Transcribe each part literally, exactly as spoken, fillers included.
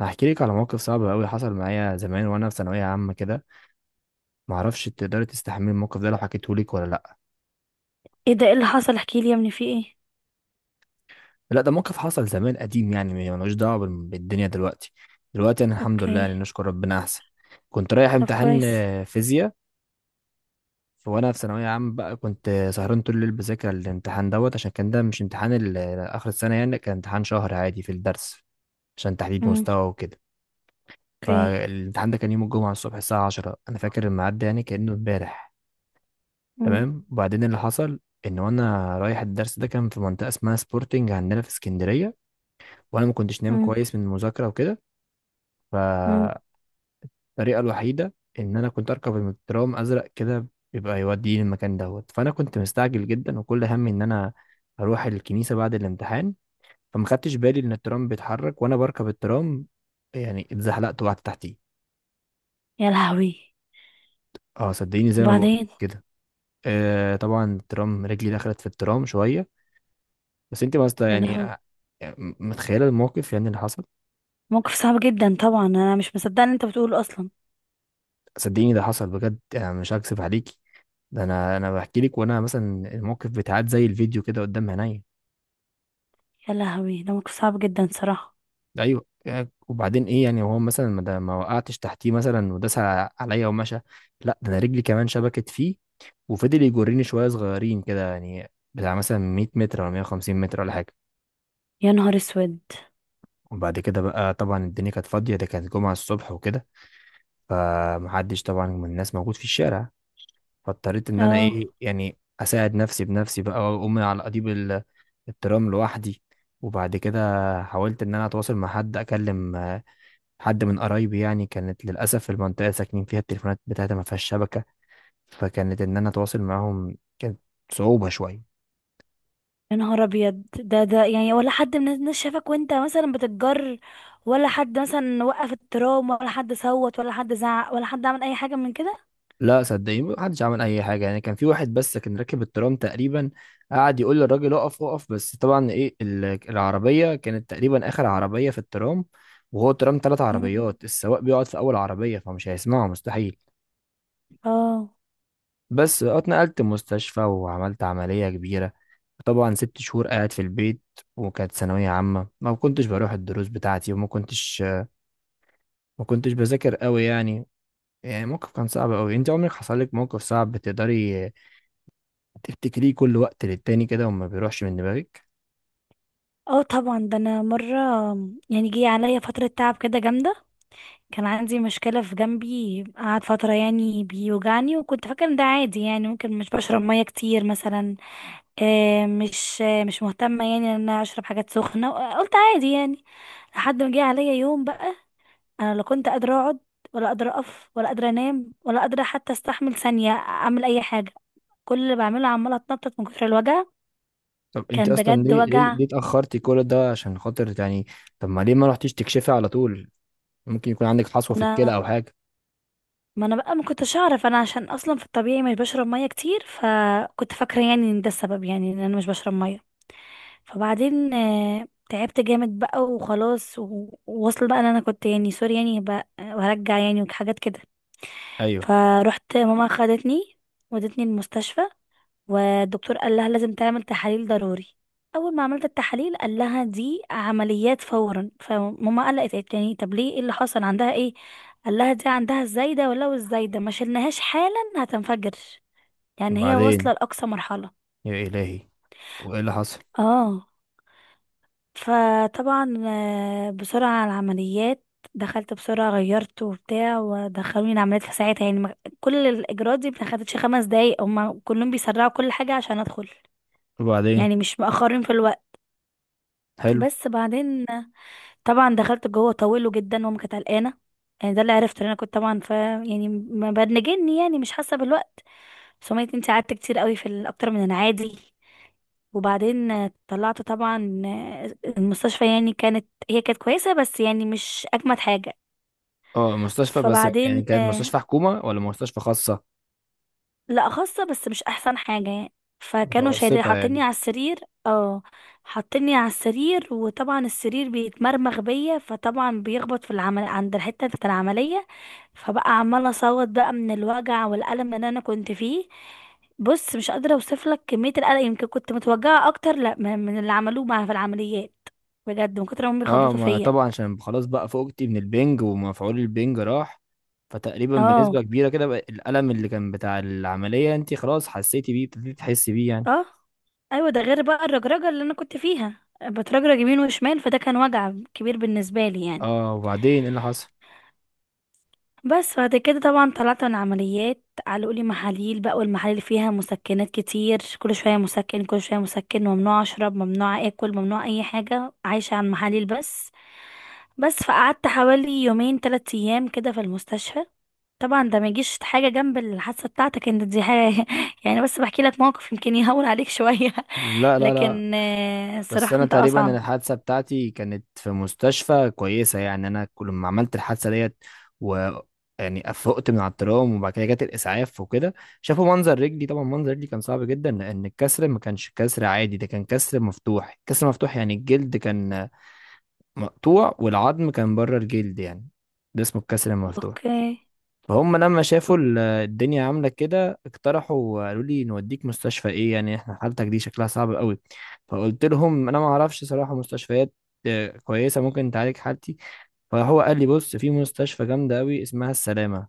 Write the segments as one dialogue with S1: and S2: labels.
S1: هحكي لك على موقف صعب قوي حصل معايا زمان وانا في ثانويه عامه كده. معرفش تقدري تستحملي الموقف ده لو حكيته لك ولا لا.
S2: ايه ده؟ ايه اللي حصل؟ احكي لي يا ابني، في ايه؟
S1: لا ده موقف حصل زمان قديم، يعني ملوش دعوه بال- بالدنيا دلوقتي. دلوقتي انا الحمد لله،
S2: اوكي.
S1: يعني نشكر ربنا احسن. كنت رايح
S2: طب
S1: امتحان
S2: كويس.
S1: آه، فيزياء. ف- وانا في ثانويه عامه بقى كنت آه، سهران طول الليل بذاكر الامتحان دوت، عشان كان ده مش امتحان ال- اخر السنه، يعني كان امتحان شهر عادي في الدرس عشان تحديد
S2: امم.
S1: مستوى وكده.
S2: اوكي.
S1: فالامتحان ده كان يوم الجمعه الصبح الساعه عشرة، انا فاكر الميعاد ده يعني كانه امبارح.
S2: امم.
S1: تمام، وبعدين اللي حصل ان وانا رايح الدرس، ده كان في منطقه اسمها سبورتنج عندنا في اسكندريه. وانا ما كنتش نايم
S2: امم.
S1: كويس من المذاكره وكده.
S2: امم.
S1: فالطريقه الوحيده ان انا كنت اركب المترام ازرق كده، بيبقى يوديني المكان دوت. فانا كنت مستعجل جدا وكل همي ان انا اروح الكنيسه بعد الامتحان. فما خدتش بالي ان الترام بيتحرك وانا بركب الترام، يعني اتزحلقت وقعدت تحتيه.
S2: يا لهوي.
S1: اه صدقيني زي ما بقول
S2: وبعدين؟
S1: كده. آه طبعا الترام، رجلي دخلت في الترام شويه. بس انت مثلا
S2: يا
S1: يعني
S2: لهوي،
S1: آه، يعني متخيله الموقف يعني اللي حصل.
S2: موقف صعب جدا طبعا. انا مش مصدقه ان انت بتقوله اصلا.
S1: صدقيني ده حصل بجد، يعني مش هكذب عليكي. ده انا انا بحكي لك وانا مثلا الموقف بيتعاد زي الفيديو كده قدام عينيا.
S2: يا لهوي، ده موقف صعب جدا صراحه.
S1: ايوه يعني. وبعدين ايه يعني، هو مثلا ما ده- ما وقعتش تحتيه مثلا وداس ع- عليا ومشى؟ لا ده انا رجلي كمان شبكت فيه وفضل يجرني شويه صغيرين كده، يعني بتاع مثلا ميت متر ولا ميه وخمسين متر ولا حاجه.
S2: يا نهار اسود.
S1: وبعد كده بقى طبعا الدنيا كانت فاضيه، ده كانت جمعه الصبح وكده، فمحدش طبعا من الناس موجود في الشارع. فاضطريت ان انا
S2: اه.
S1: ايه يعني اساعد نفسي بنفسي بقى واقوم على اديب ال- الترام لوحدي. وبعد كده حاولت ان انا اتواصل مع حد اكلم آه، حد من قرايبي. يعني كانت للاسف في المنطقه اللي ساكنين فيها التليفونات بتاعتها ما فيهاش شبكه، فكانت ان انا اتواصل معاهم كانت صعوبه شويه.
S2: يا نهار ابيض! ده ده يعني ولا حد من الناس شافك وانت مثلا بتتجر؟ ولا حد مثلا وقف الترام، ولا حد صوت، ولا حد زعق، ولا حد عمل اي حاجه من كده؟
S1: لا صدقني ما حدش عمل اي حاجه. يعني كان في واحد بس كان راكب الترام تقريبا قعد يقول للراجل اقف اقف، بس طبعا ايه ال- العربيه كانت تقريبا اخر عربيه في الترام، وهو الترام ثلاث
S2: مم.
S1: عربيات، السواق بيقعد في اول عربيه فمش هيسمعه مستحيل.
S2: اه.
S1: بس اتنقلت مستشفى وعملت عمليه كبيره. طبعا ست شهور قاعد في البيت، وكانت ثانوية عامة، ما كنتش بروح الدروس بتاعتي وما كنتش ما كنتش بذاكر قوي يعني. يعني موقف كان صعب قوي. انت عمرك حصل لك موقف صعب تقدري تفتكريه كل وقت للتاني كده وما بيروحش من دماغك؟
S2: اه، طبعا. ده انا مره يعني جه عليا فتره تعب كده جامده. كان عندي مشكله في جنبي، قعد فتره يعني بيوجعني، وكنت فاكره ان ده عادي، يعني ممكن مش بشرب ميه كتير مثلا. آه، مش آه، مش مهتمه يعني ان انا اشرب حاجات سخنه، قلت عادي يعني. لحد ما جه عليا يوم بقى انا لا كنت قادره اقعد، ولا قادره اقف، ولا قادره انام، ولا قادره حتى استحمل ثانيه اعمل اي حاجه. كل اللي بعمله عماله اتنطط من كتر الوجع.
S1: طب انت
S2: كان
S1: اصلا
S2: بجد
S1: ليه، ليه,
S2: وجع.
S1: ليه اتاخرتي كل ده عشان خاطر يعني؟ طب ما ليه ما رحتيش تكشفي على طول؟ ممكن يكون عندك حصوه في الكلى او حاجه.
S2: ما انا بقى ما كنتش اعرف، انا عشان اصلا في الطبيعي مش بشرب ميه كتير، فكنت فاكره يعني ان ده السبب، يعني ان انا مش بشرب ميه. فبعدين آه، تعبت جامد بقى وخلاص و- ووصل بقى ان انا كنت يعني سوري يعني بقى وهرجع يعني وحاجات كده.
S1: ايوه.
S2: فروحت ماما خدتني، ودتني المستشفى، والدكتور قال لها لازم تعمل تحاليل ضروري. اول ما عملت التحاليل قال لها دي عمليات فورا. فماما قلقت قالت يعني طب ليه؟ ايه اللي حصل؟ عندها ايه؟ قال لها دي عندها الزايده، ولو الزايده ما شلناهاش حالا هتنفجر، يعني هي واصله
S1: وبعدين؟
S2: لاقصى مرحله.
S1: يا الهي، وايه اللي حصل؟
S2: اه. فطبعا آه، بسرعه على العمليات. دخلت بسرعه، غيرت وبتاع، ودخلوني العمليات في ساعتها، يعني ما- كل الاجراءات دي ما خدتش خمس دقايق. هما كلهم بيسرعوا كل حاجه عشان ادخل،
S1: وبعدين؟
S2: يعني مش مأخرين في الوقت.
S1: حلو.
S2: بس بعدين طبعا دخلت جوه طويله جدا. ماما كانت قلقانه، يعني ده اللي عرفته، لأن انا كنت طبعا ف يعني ما بنجني، يعني مش حاسه بالوقت. بس ماما قالت انت قعدت كتير قوي، في ال- اكتر من العادي. وبعدين طلعت طبعا. المستشفى يعني كانت هي كانت كويسه، بس يعني مش اجمد حاجه.
S1: اه مستشفى، بس
S2: فبعدين،
S1: يعني كانت مستشفى حكومه ولا مستشفى خاصه؟
S2: لا خاصة بس مش احسن حاجة يعني. فكانوا شايلين
S1: متوسطه يعني؟
S2: حاطيني على السرير. اه. حاطيني على السرير، وطبعا السرير بيتمرمغ بيا، فطبعا بيخبط في العمل عند الحتة بتاعت العملية، فبقى عمالة اصوت بقى من الوجع والألم اللي انا كنت فيه. بص، مش قادرة اوصفلك كمية القلق. يمكن كنت متوجعة اكتر، لا من من اللي عملوه معايا في العمليات، بجد، من كتر ما هم
S1: اه
S2: بيخبطوا
S1: ما
S2: فيا.
S1: طبعا عشان خلاص بقى فوقتي من البنج ومفعول البنج راح، فتقريبا
S2: اه.
S1: بنسبه كبيره كده بقى الالم اللي كان بتاع العمليه انت خلاص حسيتي بيه، ابتديتي تحسي بيه يعني.
S2: اه. ايوه، ده غير بقى الرجرجه اللي انا كنت فيها، بترجرج يمين وشمال، فده كان وجع كبير بالنسبه لي يعني.
S1: اه. وبعدين ايه اللي حصل؟
S2: بس بعد كده طبعا طلعت من عمليات، علقوا لي محاليل بقى، والمحاليل فيها مسكنات كتير، كل شويه مسكن، كل شويه مسكن، ممنوع اشرب، ممنوع اكل، ممنوع اي حاجه، عايشه على المحاليل بس. بس فقعدت حوالي يومين ثلاثة ايام كده في المستشفى. طبعا ده ما يجيش حاجه جنب الحادثه بتاعتك انت، دي حاجه يعني، بس بحكي لك موقف يمكن يهون عليك شويه.
S1: لا لا لا.
S2: لكن آه،
S1: بس
S2: الصراحة
S1: انا
S2: انت
S1: تقريبا، أنا
S2: اصعب.
S1: الحادثه بتاعتي كانت في مستشفى كويسه. يعني انا كل ما عملت الحادثه ديت و يعني افقت من على الترام، وبعد كده جت الاسعاف وكده، شافوا منظر رجلي. طبعا منظر رجلي كان صعب جدا، لان الكسر ما كانش كسر عادي، ده كان كسر مفتوح. كسر مفتوح يعني الجلد كان مقطوع والعظم كان بره الجلد يعني، ده اسمه الكسر المفتوح.
S2: اوكي.
S1: فهم لما شافوا ال- الدنيا عامله كده اقترحوا قالوا لي نوديك مستشفى ايه، يعني احنا حالتك دي شكلها صعب قوي. فقلت لهم انا ما اعرفش صراحه مستشفيات آه، كويسه ممكن تعالج حالتي. فهو قال لي بص في مستشفى جامده قوي اسمها السلامه.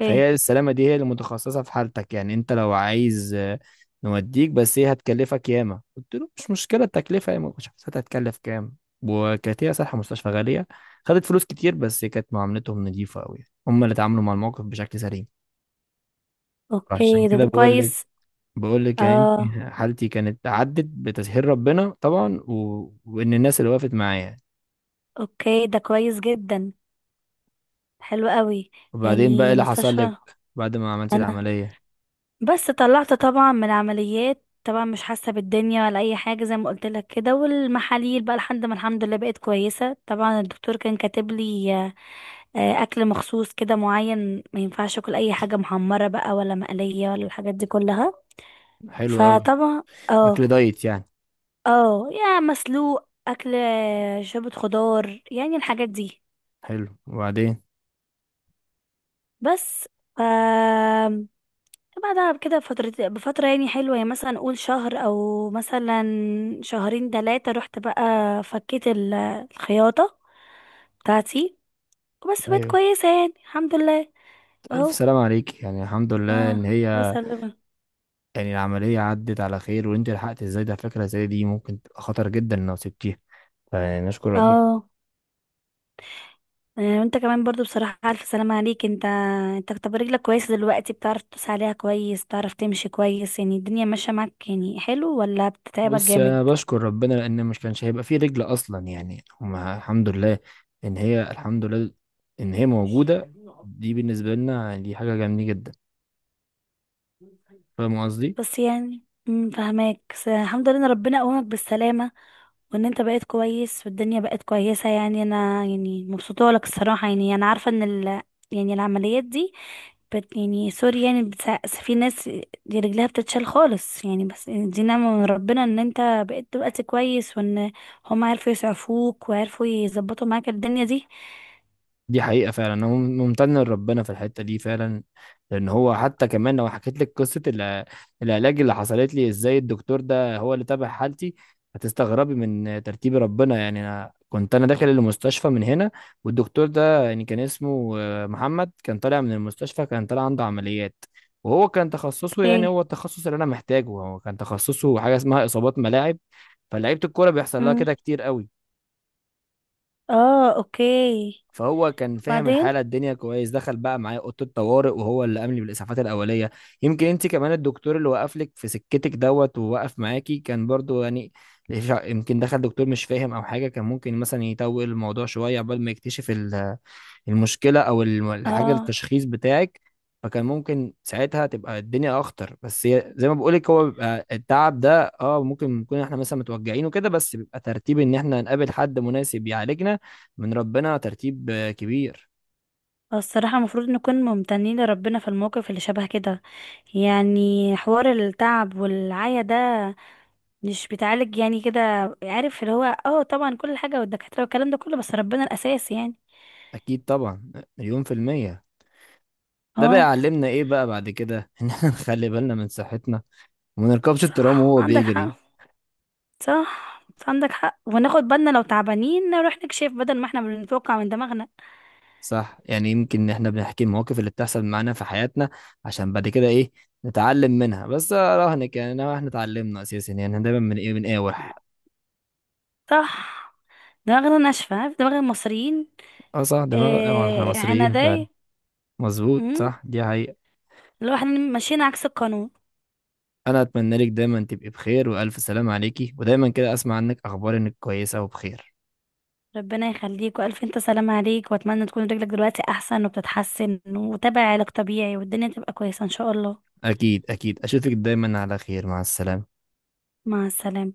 S1: فهي
S2: اوكي.
S1: السلامة دي هي اللي متخصصة في حالتك، يعني انت لو عايز آه، نوديك، بس هي هتكلفك ياما. قلت له مش مشكلة التكلفة، هي ما كنتش حسيت هتكلف كام. وكانت هي صراحة مستشفى غالية، خدت فلوس كتير، بس كانت معاملتهم نظيفة قوي، هم اللي اتعاملوا مع الموقف بشكل سليم. فعشان
S2: اوكي، ده
S1: كده
S2: ده
S1: بقول لك،
S2: كويس.
S1: بقول لك يعني انت
S2: اه،
S1: حالتي كانت عدت بتسهيل ربنا طبعا، و... وان الناس اللي وقفت معايا.
S2: اوكي، ده كويس جدا. حلو قوي.
S1: وبعدين بقى إيه
S2: يعني
S1: اللي حصل لك
S2: مستشفى
S1: بعد ما عملت
S2: انا،
S1: العملية؟
S2: بس طلعت طبعا من عمليات، طبعا مش حاسة بالدنيا ولا اي حاجة زي ما قلت لك كده، والمحاليل بقى لحد ما الحمد لله بقيت كويسة. طبعا الدكتور كان كاتب لي آه، آه، اكل مخصوص كده معين، ما ينفعش اكل اي حاجة محمرة بقى ولا مقلية ولا الحاجات دي كلها.
S1: حلو قوي.
S2: فطبعا. اه.
S1: اكل دايت يعني.
S2: اه، يا مسلوق اكل، شوربة خضار، يعني الحاجات دي.
S1: حلو. وبعدين؟
S2: بس. ف بعدها كده بفترة بفترة، يعني حلوة، يعني مثلا قول شهر او مثلا شهرين تلاتة، رحت بقى فكيت ال- الخياطة بتاعتي، وبس بقت
S1: ايوه،
S2: كويسة يعني الحمد لله.
S1: ألف
S2: اهو.
S1: سلام عليك، يعني الحمد لله
S2: ما
S1: إن
S2: ما
S1: هي،
S2: سلمة.
S1: يعني العملية عدت على خير. وأنت لحقت إزاي؟ ده فكرة زي دي ممكن تبقى خطر جدا لو سبتيها، فنشكر ربنا.
S2: اه. آه، وانت كمان برضو بصراحة ألف سلامة عليك انت. انت طب رجلك كويس دلوقتي؟ بتعرف تدوس عليها كويس؟ بتعرف تمشي كويس؟ يعني الدنيا ماشية معاك، يعني حلو ولا بتتعبك
S1: بص
S2: جامد؟
S1: أنا بشكر ربنا لأن مش كانش هيبقى فيه رجل أصلا يعني، هما الحمد لله إن هي، الحمد لله إن هي موجودة. دي بالنسبة لنا دي حاجة جميلة جدا. فاهم قصدي؟
S2: بس يعني مم، فهماك. بس الحمد لله ان ربنا قومك بالسلامة، وان انت بقيت كويس والدنيا بقت كويسة. يعني انا، يعني مبسوطة لك الصراحة. يعني انا عارفة ان ال يعني العمليات دي، بت يعني سوري يعني بتسع- في ناس دي رجلها بتتشال خالص يعني، بس دي نعمة من ربنا ان انت بقيت دلوقتي كويس، وان هم عرفوا يسعفوك وعرفوا يظبطوا معاك الدنيا دي.
S1: دي حقيقة فعلا أنا مم- ممتن لربنا في الحتة دي فعلا. لأن هو حتى كمان لو حكيت لك قصة الع- العلاج اللي حصلت لي إزاي، الدكتور ده هو اللي تابع حالتي. هتستغربي من ترتيب ربنا. يعني أنا كنت أنا داخل المستشفى من هنا، والدكتور ده يعني كان اسمه آه، محمد كان طالع من المستشفى، كان طالع عنده عمليات. وهو كان تخصصه، يعني
S2: ايه.
S1: هو التخصص اللي أنا محتاجه، هو كان تخصصه حاجة اسمها إصابات ملاعب. فلعيبة الكورة بيحصل لها
S2: مم.
S1: كده كتير قوي.
S2: اه، اوكي.
S1: فهو كان فاهم
S2: وبعدين.
S1: الحاله الدنيا كويس، دخل بقى معايا اوضه الطوارئ وهو اللي قام لي بالاسعافات الاوليه. يمكن انت كمان الدكتور اللي وقف لك في سكتك دوت ووقف معاكي كان برضو يعني، يمكن دخل دكتور مش فاهم او حاجه كان ممكن مثلا يطول الموضوع شويه عقبال ما يكتشف ال المشكلة أو الم- الحاجة
S2: اه.
S1: التشخيص بتاعك. فكان ممكن ساعتها تبقى الدنيا أخطر. بس هي زي ما بقولك، هو بيبقى التعب ده اه ممكن نكون احنا مثلا متوجعين وكده، بس بيبقى ترتيب إن احنا نقابل حد مناسب يعالجنا من ربنا ترتيب آه، كبير.
S2: الصراحة المفروض نكون ممتنين لربنا في المواقف اللي شبه كده. يعني حوار التعب والعيا ده مش بيتعالج يعني كده. عارف، اللي هو اه طبعا كل حاجة والدكاترة والكلام ده كله، بس ربنا الأساس يعني.
S1: أكيد طبعا، مليون في المية. ده بقى
S2: اه،
S1: علمنا ايه بقى بعد كده ان احنا نخلي بالنا من صحتنا وما نركبش الترام
S2: صح،
S1: وهو
S2: عندك
S1: بيجري.
S2: حق. صح، عندك حق، وناخد بالنا، لو تعبانين نروح نكشف بدل ما احنا بنتوقع من دماغنا.
S1: صح، يعني يمكن احنا بنحكي المواقف اللي بتحصل معانا في حياتنا عشان بعد كده ايه نتعلم منها. بس اراهنك يعني إن احنا اتعلمنا اساسا، يعني احنا دايما من ايه من اقاوح.
S2: صح. دماغنا ناشفة، عارف دماغ المصريين.
S1: اه صح دماغ آه، احنا
S2: آه،
S1: مصريين فعلا.
S2: عنادية.
S1: مظبوط
S2: مم.
S1: صح دي حقيقة.
S2: اللي هو احنا ماشيين عكس القانون.
S1: انا اتمنى لك دايما تبقي بخير والف سلامة عليكي، ودايما كده اسمع عنك اخبار انك كويسة وبخير.
S2: ربنا يخليك، والف انت سلام عليك، واتمنى تكون رجلك دلوقتي احسن وبتتحسن وتابع علاج طبيعي والدنيا تبقى كويسة ان شاء الله.
S1: اكيد اكيد اشوفك دايما على خير. مع السلامة.
S2: مع السلامة.